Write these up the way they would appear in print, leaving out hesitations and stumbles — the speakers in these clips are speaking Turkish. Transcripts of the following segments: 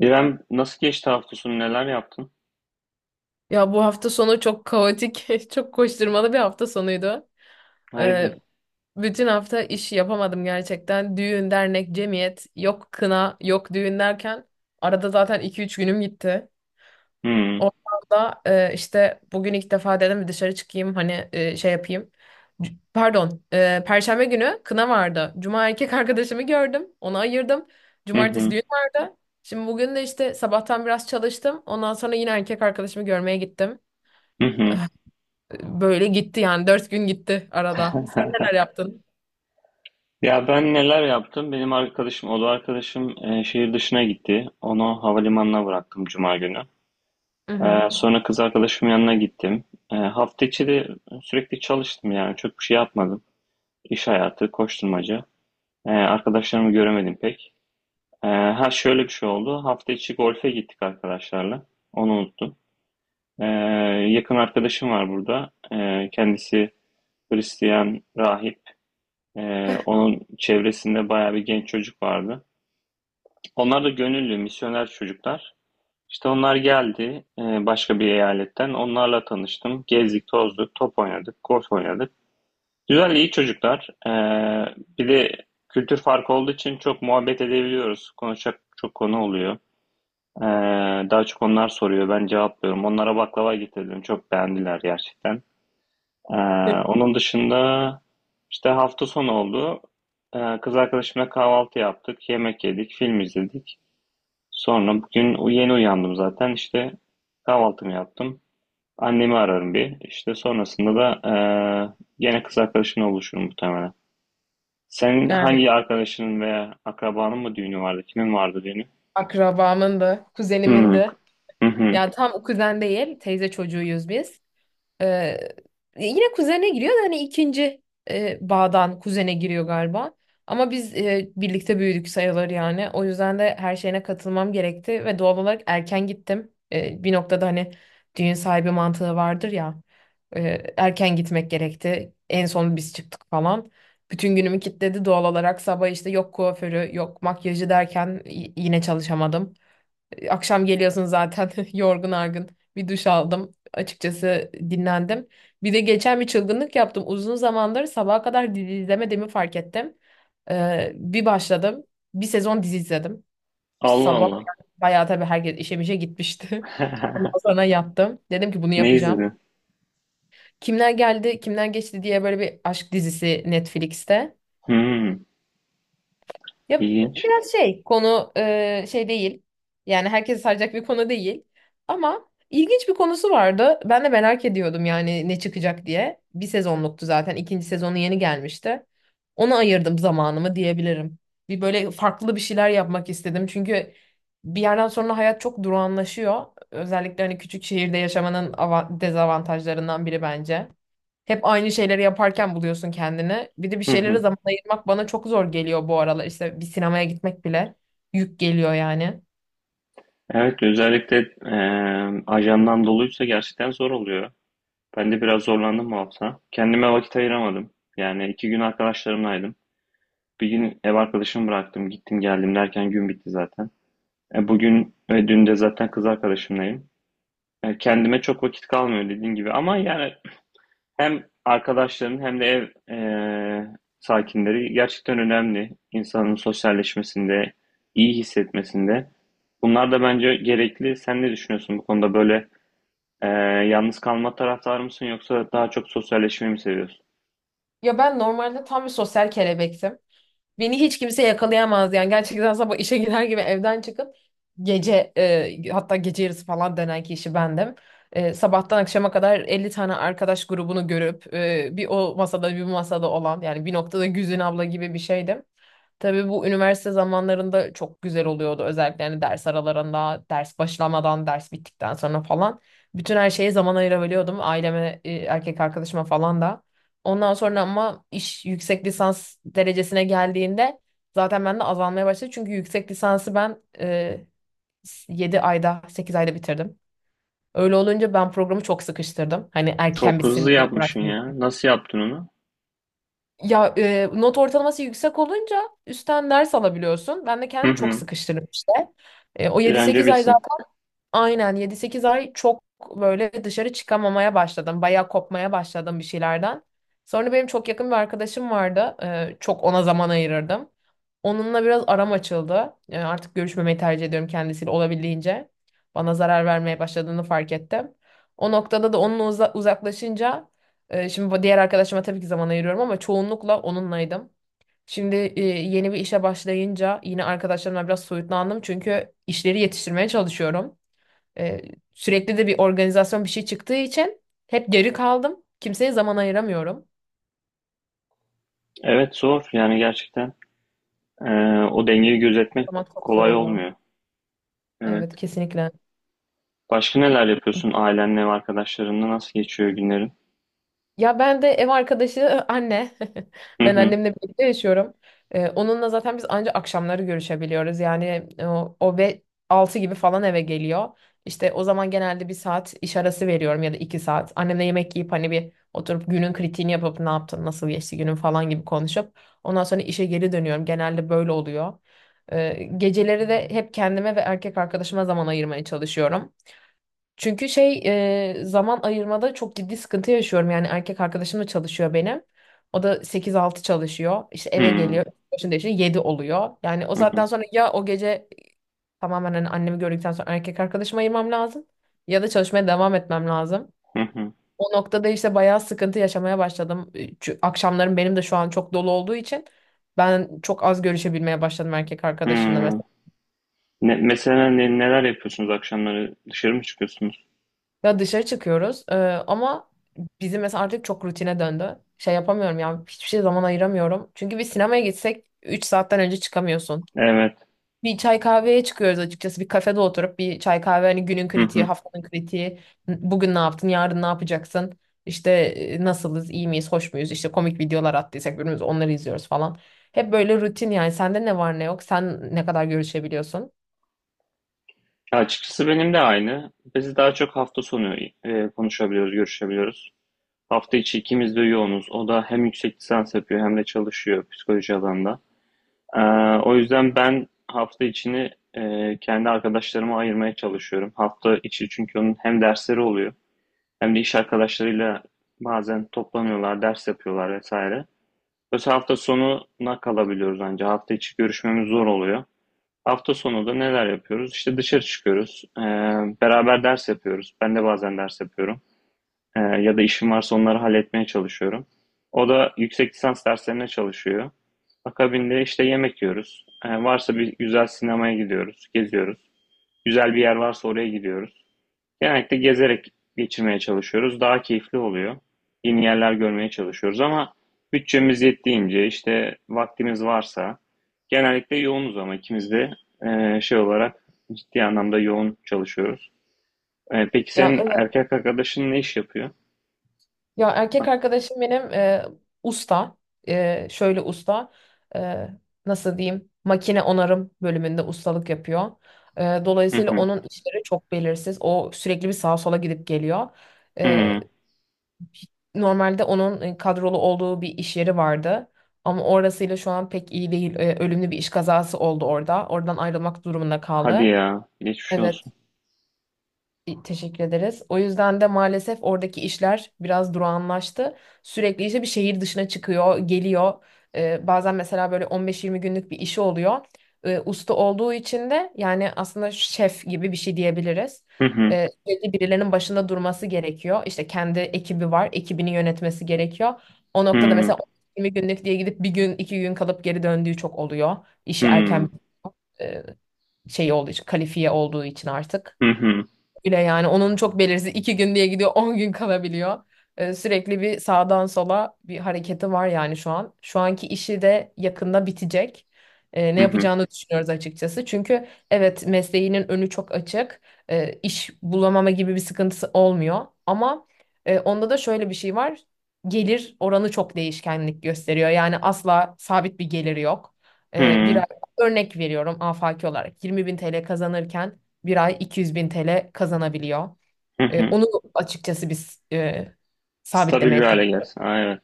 İrem nasıl geçti hafta sonu, neler yaptın? Ya bu hafta sonu çok kaotik, çok koşturmalı bir hafta sonuydu. Ee, Hayırdır? Bütün hafta iş yapamadım gerçekten. Düğün, dernek, cemiyet, yok kına, yok düğün derken arada zaten iki üç günüm gitti. Hmm. Oradan da işte bugün ilk defa dedim bir dışarı çıkayım hani şey yapayım. Pardon, Perşembe günü kına vardı. Cuma erkek arkadaşımı gördüm, onu ayırdım. Hı Cumartesi hı. düğün vardı. Şimdi bugün de işte sabahtan biraz çalıştım. Ondan sonra yine erkek arkadaşımı görmeye gittim. Hı hı. Böyle gitti yani dört gün gitti arada. Sen neler yaptın? Ya ben neler yaptım? Benim arkadaşım, oda arkadaşım şehir dışına gitti. Onu havalimanına bıraktım Cuma günü. Hı hı. Sonra kız arkadaşımın yanına gittim. Hafta içi de sürekli çalıştım yani. Çok bir şey yapmadım. İş hayatı, koşturmaca. Arkadaşlarımı göremedim pek. Ha, şöyle bir şey oldu. Hafta içi golfe gittik arkadaşlarla. Onu unuttum. E, Yakın arkadaşım var burada. Kendisi Hristiyan rahip. E, Onun çevresinde bayağı bir genç çocuk vardı. Onlar da gönüllü, misyoner çocuklar. İşte onlar geldi başka bir eyaletten. Onlarla tanıştım. Gezdik, tozduk, top oynadık, golf oynadık. Güzel, iyi çocuklar. Bir de kültür farkı olduğu için çok muhabbet edebiliyoruz. Konuşacak çok konu oluyor. E, Daha çok onlar soruyor, ben cevaplıyorum. Onlara baklava getirdim. Çok beğendiler gerçekten. Ee, Onun dışında işte hafta sonu oldu. Kız arkadaşımla kahvaltı yaptık, yemek yedik, film izledik. Sonra bugün yeni uyandım zaten. İşte kahvaltımı yaptım. Annemi ararım bir. İşte sonrasında da gene kız arkadaşımla buluşurum muhtemelen. Senin Yani hangi arkadaşının veya akrabanın mı düğünü vardı? Kimin vardı düğünü? akrabamın da, kuzenimin Hmm. de. Hı hı. Yani tam kuzen değil, teyze çocuğuyuz biz. Ee, Yine kuzene giriyor da hani ikinci bağdan kuzene giriyor galiba. Ama biz birlikte büyüdük sayılır yani. O yüzden de her şeyine katılmam gerekti ve doğal olarak erken gittim. Bir noktada hani düğün sahibi mantığı vardır ya. Erken gitmek gerekti. En son biz çıktık falan. Bütün günümü kilitledi doğal olarak. Sabah işte yok kuaförü, yok makyajı derken yine çalışamadım. Akşam geliyorsun zaten yorgun argın. Bir duş aldım. Açıkçası dinlendim. Bir de geçen bir çılgınlık yaptım. Uzun zamandır sabaha kadar dizi izlemediğimi fark ettim. Bir başladım. Bir sezon dizi izledim. Allah Sabah Allah. yani bayağı tabii herkes işe mişe gitmişti. Ondan sonra yaptım. Dedim ki bunu Ne yapacağım. izledin? Kimler geldi, kimler geçti diye böyle bir aşk dizisi Netflix'te. Hmm, Ya ilginç. biraz şey konu şey değil. Yani herkesi saracak bir konu değil. Ama ilginç bir konusu vardı. Ben de merak ediyordum yani ne çıkacak diye. Bir sezonluktu zaten. İkinci sezonu yeni gelmişti. Ona ayırdım zamanımı diyebilirim. Bir böyle farklı bir şeyler yapmak istedim. Çünkü bir yerden sonra hayat çok durağanlaşıyor. Özellikle hani küçük şehirde yaşamanın dezavantajlarından biri bence. Hep aynı şeyleri yaparken buluyorsun kendini. Bir de bir şeylere zaman ayırmak bana çok zor geliyor bu aralar. İşte bir sinemaya gitmek bile yük geliyor yani. Evet, özellikle ajandan doluysa gerçekten zor oluyor. Ben de biraz zorlandım bu hafta. Kendime vakit ayıramadım. Yani iki gün arkadaşlarımlaydım. Bir gün ev arkadaşımı bıraktım, gittim geldim derken gün bitti zaten. Bugün ve dün de zaten kız arkadaşımlayım. Kendime çok vakit kalmıyor dediğin gibi. Ama yani hem arkadaşların hem de ev sakinleri gerçekten önemli. İnsanın sosyalleşmesinde, iyi hissetmesinde. Bunlar da bence gerekli. Sen ne düşünüyorsun bu konuda böyle? Ee, Yalnız kalma taraftarı mısın, yoksa daha çok sosyalleşmeyi mi seviyorsun? Ya ben normalde tam bir sosyal kelebektim. Beni hiç kimse yakalayamaz yani. Gerçekten sabah işe girer gibi evden çıkıp gece hatta gece yarısı falan dönen kişi bendim. Sabahtan akşama kadar 50 tane arkadaş grubunu görüp bir o masada bir bu masada olan yani bir noktada Güzin abla gibi bir şeydim. Tabii bu üniversite zamanlarında çok güzel oluyordu. Özellikle hani ders aralarında, ders başlamadan, ders bittikten sonra falan. Bütün her şeye zaman ayırabiliyordum. Aileme, erkek arkadaşıma falan da. Ondan sonra ama iş yüksek lisans derecesine geldiğinde zaten ben de azalmaya başladı. Çünkü yüksek lisansı ben 7 ayda, 8 ayda bitirdim. Öyle olunca ben programı çok sıkıştırdım. Hani erken Çok hızlı bitsin diye yapmışsın uğraştım ya. Nasıl yaptın onu? ya not ortalaması yüksek olunca üstten ders alabiliyorsun. Ben de Hı kendimi çok hı. sıkıştırdım işte. O Bir yedi an önce sekiz ay. bitsin. Aynen, 7-8 ay çok böyle dışarı çıkamamaya başladım. Bayağı kopmaya başladım bir şeylerden. Sonra benim çok yakın bir arkadaşım vardı. Çok ona zaman ayırırdım. Onunla biraz aram açıldı. Artık görüşmemeyi tercih ediyorum kendisiyle olabildiğince. Bana zarar vermeye başladığını fark ettim. O noktada da onunla uzaklaşınca şimdi bu diğer arkadaşıma tabii ki zaman ayırıyorum ama çoğunlukla onunlaydım. Şimdi yeni bir işe başlayınca yine arkadaşlarımla biraz soyutlandım çünkü işleri yetiştirmeye çalışıyorum. Ee, Sürekli de bir organizasyon bir şey çıktığı için hep geri kaldım. Kimseye zaman ayıramıyorum. Evet, zor yani gerçekten. Ee, O dengeyi gözetmek Zaman çok zor kolay oluyor. olmuyor. Evet. Evet, kesinlikle. Başka neler yapıyorsun ailenle ve arkadaşlarınla? Nasıl geçiyor günlerin? Ya ben de ev arkadaşı anne. Hı Ben hı. annemle birlikte yaşıyorum. Onunla zaten biz ancak akşamları görüşebiliyoruz. Yani o, o ve 6 gibi falan eve geliyor. İşte o zaman genelde bir saat iş arası veriyorum ya da iki saat. Annemle yemek yiyip hani bir oturup günün kritiğini yapıp ne yaptın, nasıl geçti günün falan gibi konuşup ondan sonra işe geri dönüyorum. Genelde böyle oluyor. Geceleri de hep kendime ve erkek arkadaşıma zaman ayırmaya çalışıyorum. Çünkü şey zaman ayırmada çok ciddi sıkıntı yaşıyorum. Yani erkek arkadaşım da çalışıyor benim. O da 8-6 çalışıyor. İşte Hı eve hı. geliyor. Başında işte 7 oluyor. Yani o Hı saatten sonra ya o gece tamamen hani annemi gördükten sonra erkek arkadaşıma ayırmam lazım. Ya da çalışmaya devam etmem lazım. hı. O noktada işte bayağı sıkıntı yaşamaya başladım. Çünkü akşamlarım benim de şu an çok dolu olduğu için ben çok az görüşebilmeye başladım erkek Hı. arkadaşımla. Hı. Ne, mesela neler yapıyorsunuz akşamları? Dışarı mı çıkıyorsunuz? Ya dışarı çıkıyoruz ama bizim mesela artık çok rutine döndü. Şey yapamıyorum ya hiçbir şey zaman ayıramıyorum. Çünkü bir sinemaya gitsek 3 saatten önce çıkamıyorsun. Evet. Bir çay kahveye çıkıyoruz açıkçası. Bir kafede oturup bir çay kahve hani günün Hı kritiği, hı. haftanın kritiği. Bugün ne yaptın, yarın ne yapacaksın? İşte nasılız, iyi miyiz, hoş muyuz? İşte komik videolar attıysak birbirimize onları izliyoruz falan. Hep böyle rutin yani. Sende ne var ne yok? Sen ne kadar görüşebiliyorsun? Açıkçası benim de aynı. Biz daha çok hafta sonu konuşabiliyoruz, görüşebiliyoruz. Hafta içi ikimiz de yoğunuz. O da hem yüksek lisans yapıyor hem de çalışıyor psikoloji alanında. Ee, O yüzden ben hafta içini kendi arkadaşlarıma ayırmaya çalışıyorum. Hafta içi çünkü onun hem dersleri oluyor hem de iş arkadaşlarıyla bazen toplanıyorlar, ders yapıyorlar vesaire. Mesela hafta sonuna kalabiliyoruz ancak. Hafta içi görüşmemiz zor oluyor. Hafta sonu da neler yapıyoruz? İşte dışarı çıkıyoruz. Beraber ders yapıyoruz. Ben de bazen ders yapıyorum. Ya da işim varsa onları halletmeye çalışıyorum. O da yüksek lisans derslerine çalışıyor. Akabinde işte yemek yiyoruz. Varsa bir güzel sinemaya gidiyoruz, geziyoruz. Güzel bir yer varsa oraya gidiyoruz. Genellikle gezerek geçirmeye çalışıyoruz. Daha keyifli oluyor. Yeni yerler görmeye çalışıyoruz ama bütçemiz yettiğince, işte vaktimiz varsa. Genellikle yoğunuz ama ikimiz de şey olarak ciddi anlamda yoğun çalışıyoruz. Peki Ya senin erkek arkadaşın ne iş yapıyor? Ya erkek arkadaşım benim usta. Şöyle usta. E, Nasıl diyeyim? Makine onarım bölümünde ustalık yapıyor. Hı Dolayısıyla hı. onun işleri çok belirsiz. O sürekli bir sağa sola gidip geliyor. E, Hıı. Normalde onun kadrolu olduğu bir iş yeri vardı. Ama orasıyla şu an pek iyi değil. Ölümlü bir iş kazası oldu orada. Oradan ayrılmak durumunda Hadi kaldı. ya. Geçmiş Evet. olsun. Teşekkür ederiz. O yüzden de maalesef oradaki işler biraz durağanlaştı. Sürekli işte bir şehir dışına çıkıyor, geliyor. Bazen mesela böyle 15-20 günlük bir işi oluyor. Usta olduğu için de yani aslında şef gibi bir şey diyebiliriz. Hı hı. Sürekli birilerinin başında durması gerekiyor. İşte kendi ekibi var, ekibini yönetmesi gerekiyor. O noktada Hı. mesela 20 günlük diye gidip bir gün, iki gün kalıp geri döndüğü çok oluyor. İşi erken Hıı. e, şey olduğu için, kalifiye olduğu için artık. Hı hı. Öyle yani onun çok belirsiz iki gün diye gidiyor 10 gün kalabiliyor. Sürekli bir sağdan sola bir hareketi var yani şu an. Şu anki işi de yakında bitecek. Ne Hı hı. yapacağını düşünüyoruz açıkçası. Çünkü evet mesleğinin önü çok açık. İş bulamama gibi bir sıkıntısı olmuyor. Ama onda da şöyle bir şey var. Gelir oranı çok değişkenlik gösteriyor. Yani asla sabit bir geliri yok. Ee, bir Hıı. ay- Örnek veriyorum afaki olarak 20 bin TL kazanırken bir ay 200 bin TL kazanabiliyor. Hı hı. Onu açıkçası biz Stabil sabitlemeye bir hâle çalışıyoruz. gelsin. A, evet.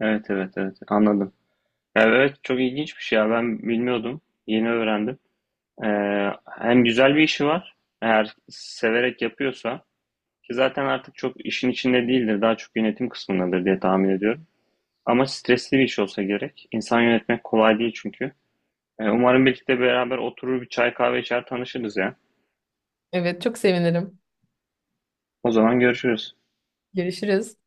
Evet, evet, evet. Anladım. Ya, evet, çok ilginç bir şey ya. Ben bilmiyordum. Yeni öğrendim. Eee, Hem güzel bir işi var, eğer severek yapıyorsa, ki zaten artık çok işin içinde değildir, daha çok yönetim kısmındadır diye tahmin ediyorum. Ama stresli bir iş olsa gerek. İnsan yönetmek kolay değil çünkü. Umarım birlikte beraber oturur, bir çay kahve içer, tanışırız ya. Evet, çok sevinirim. O zaman görüşürüz. Görüşürüz.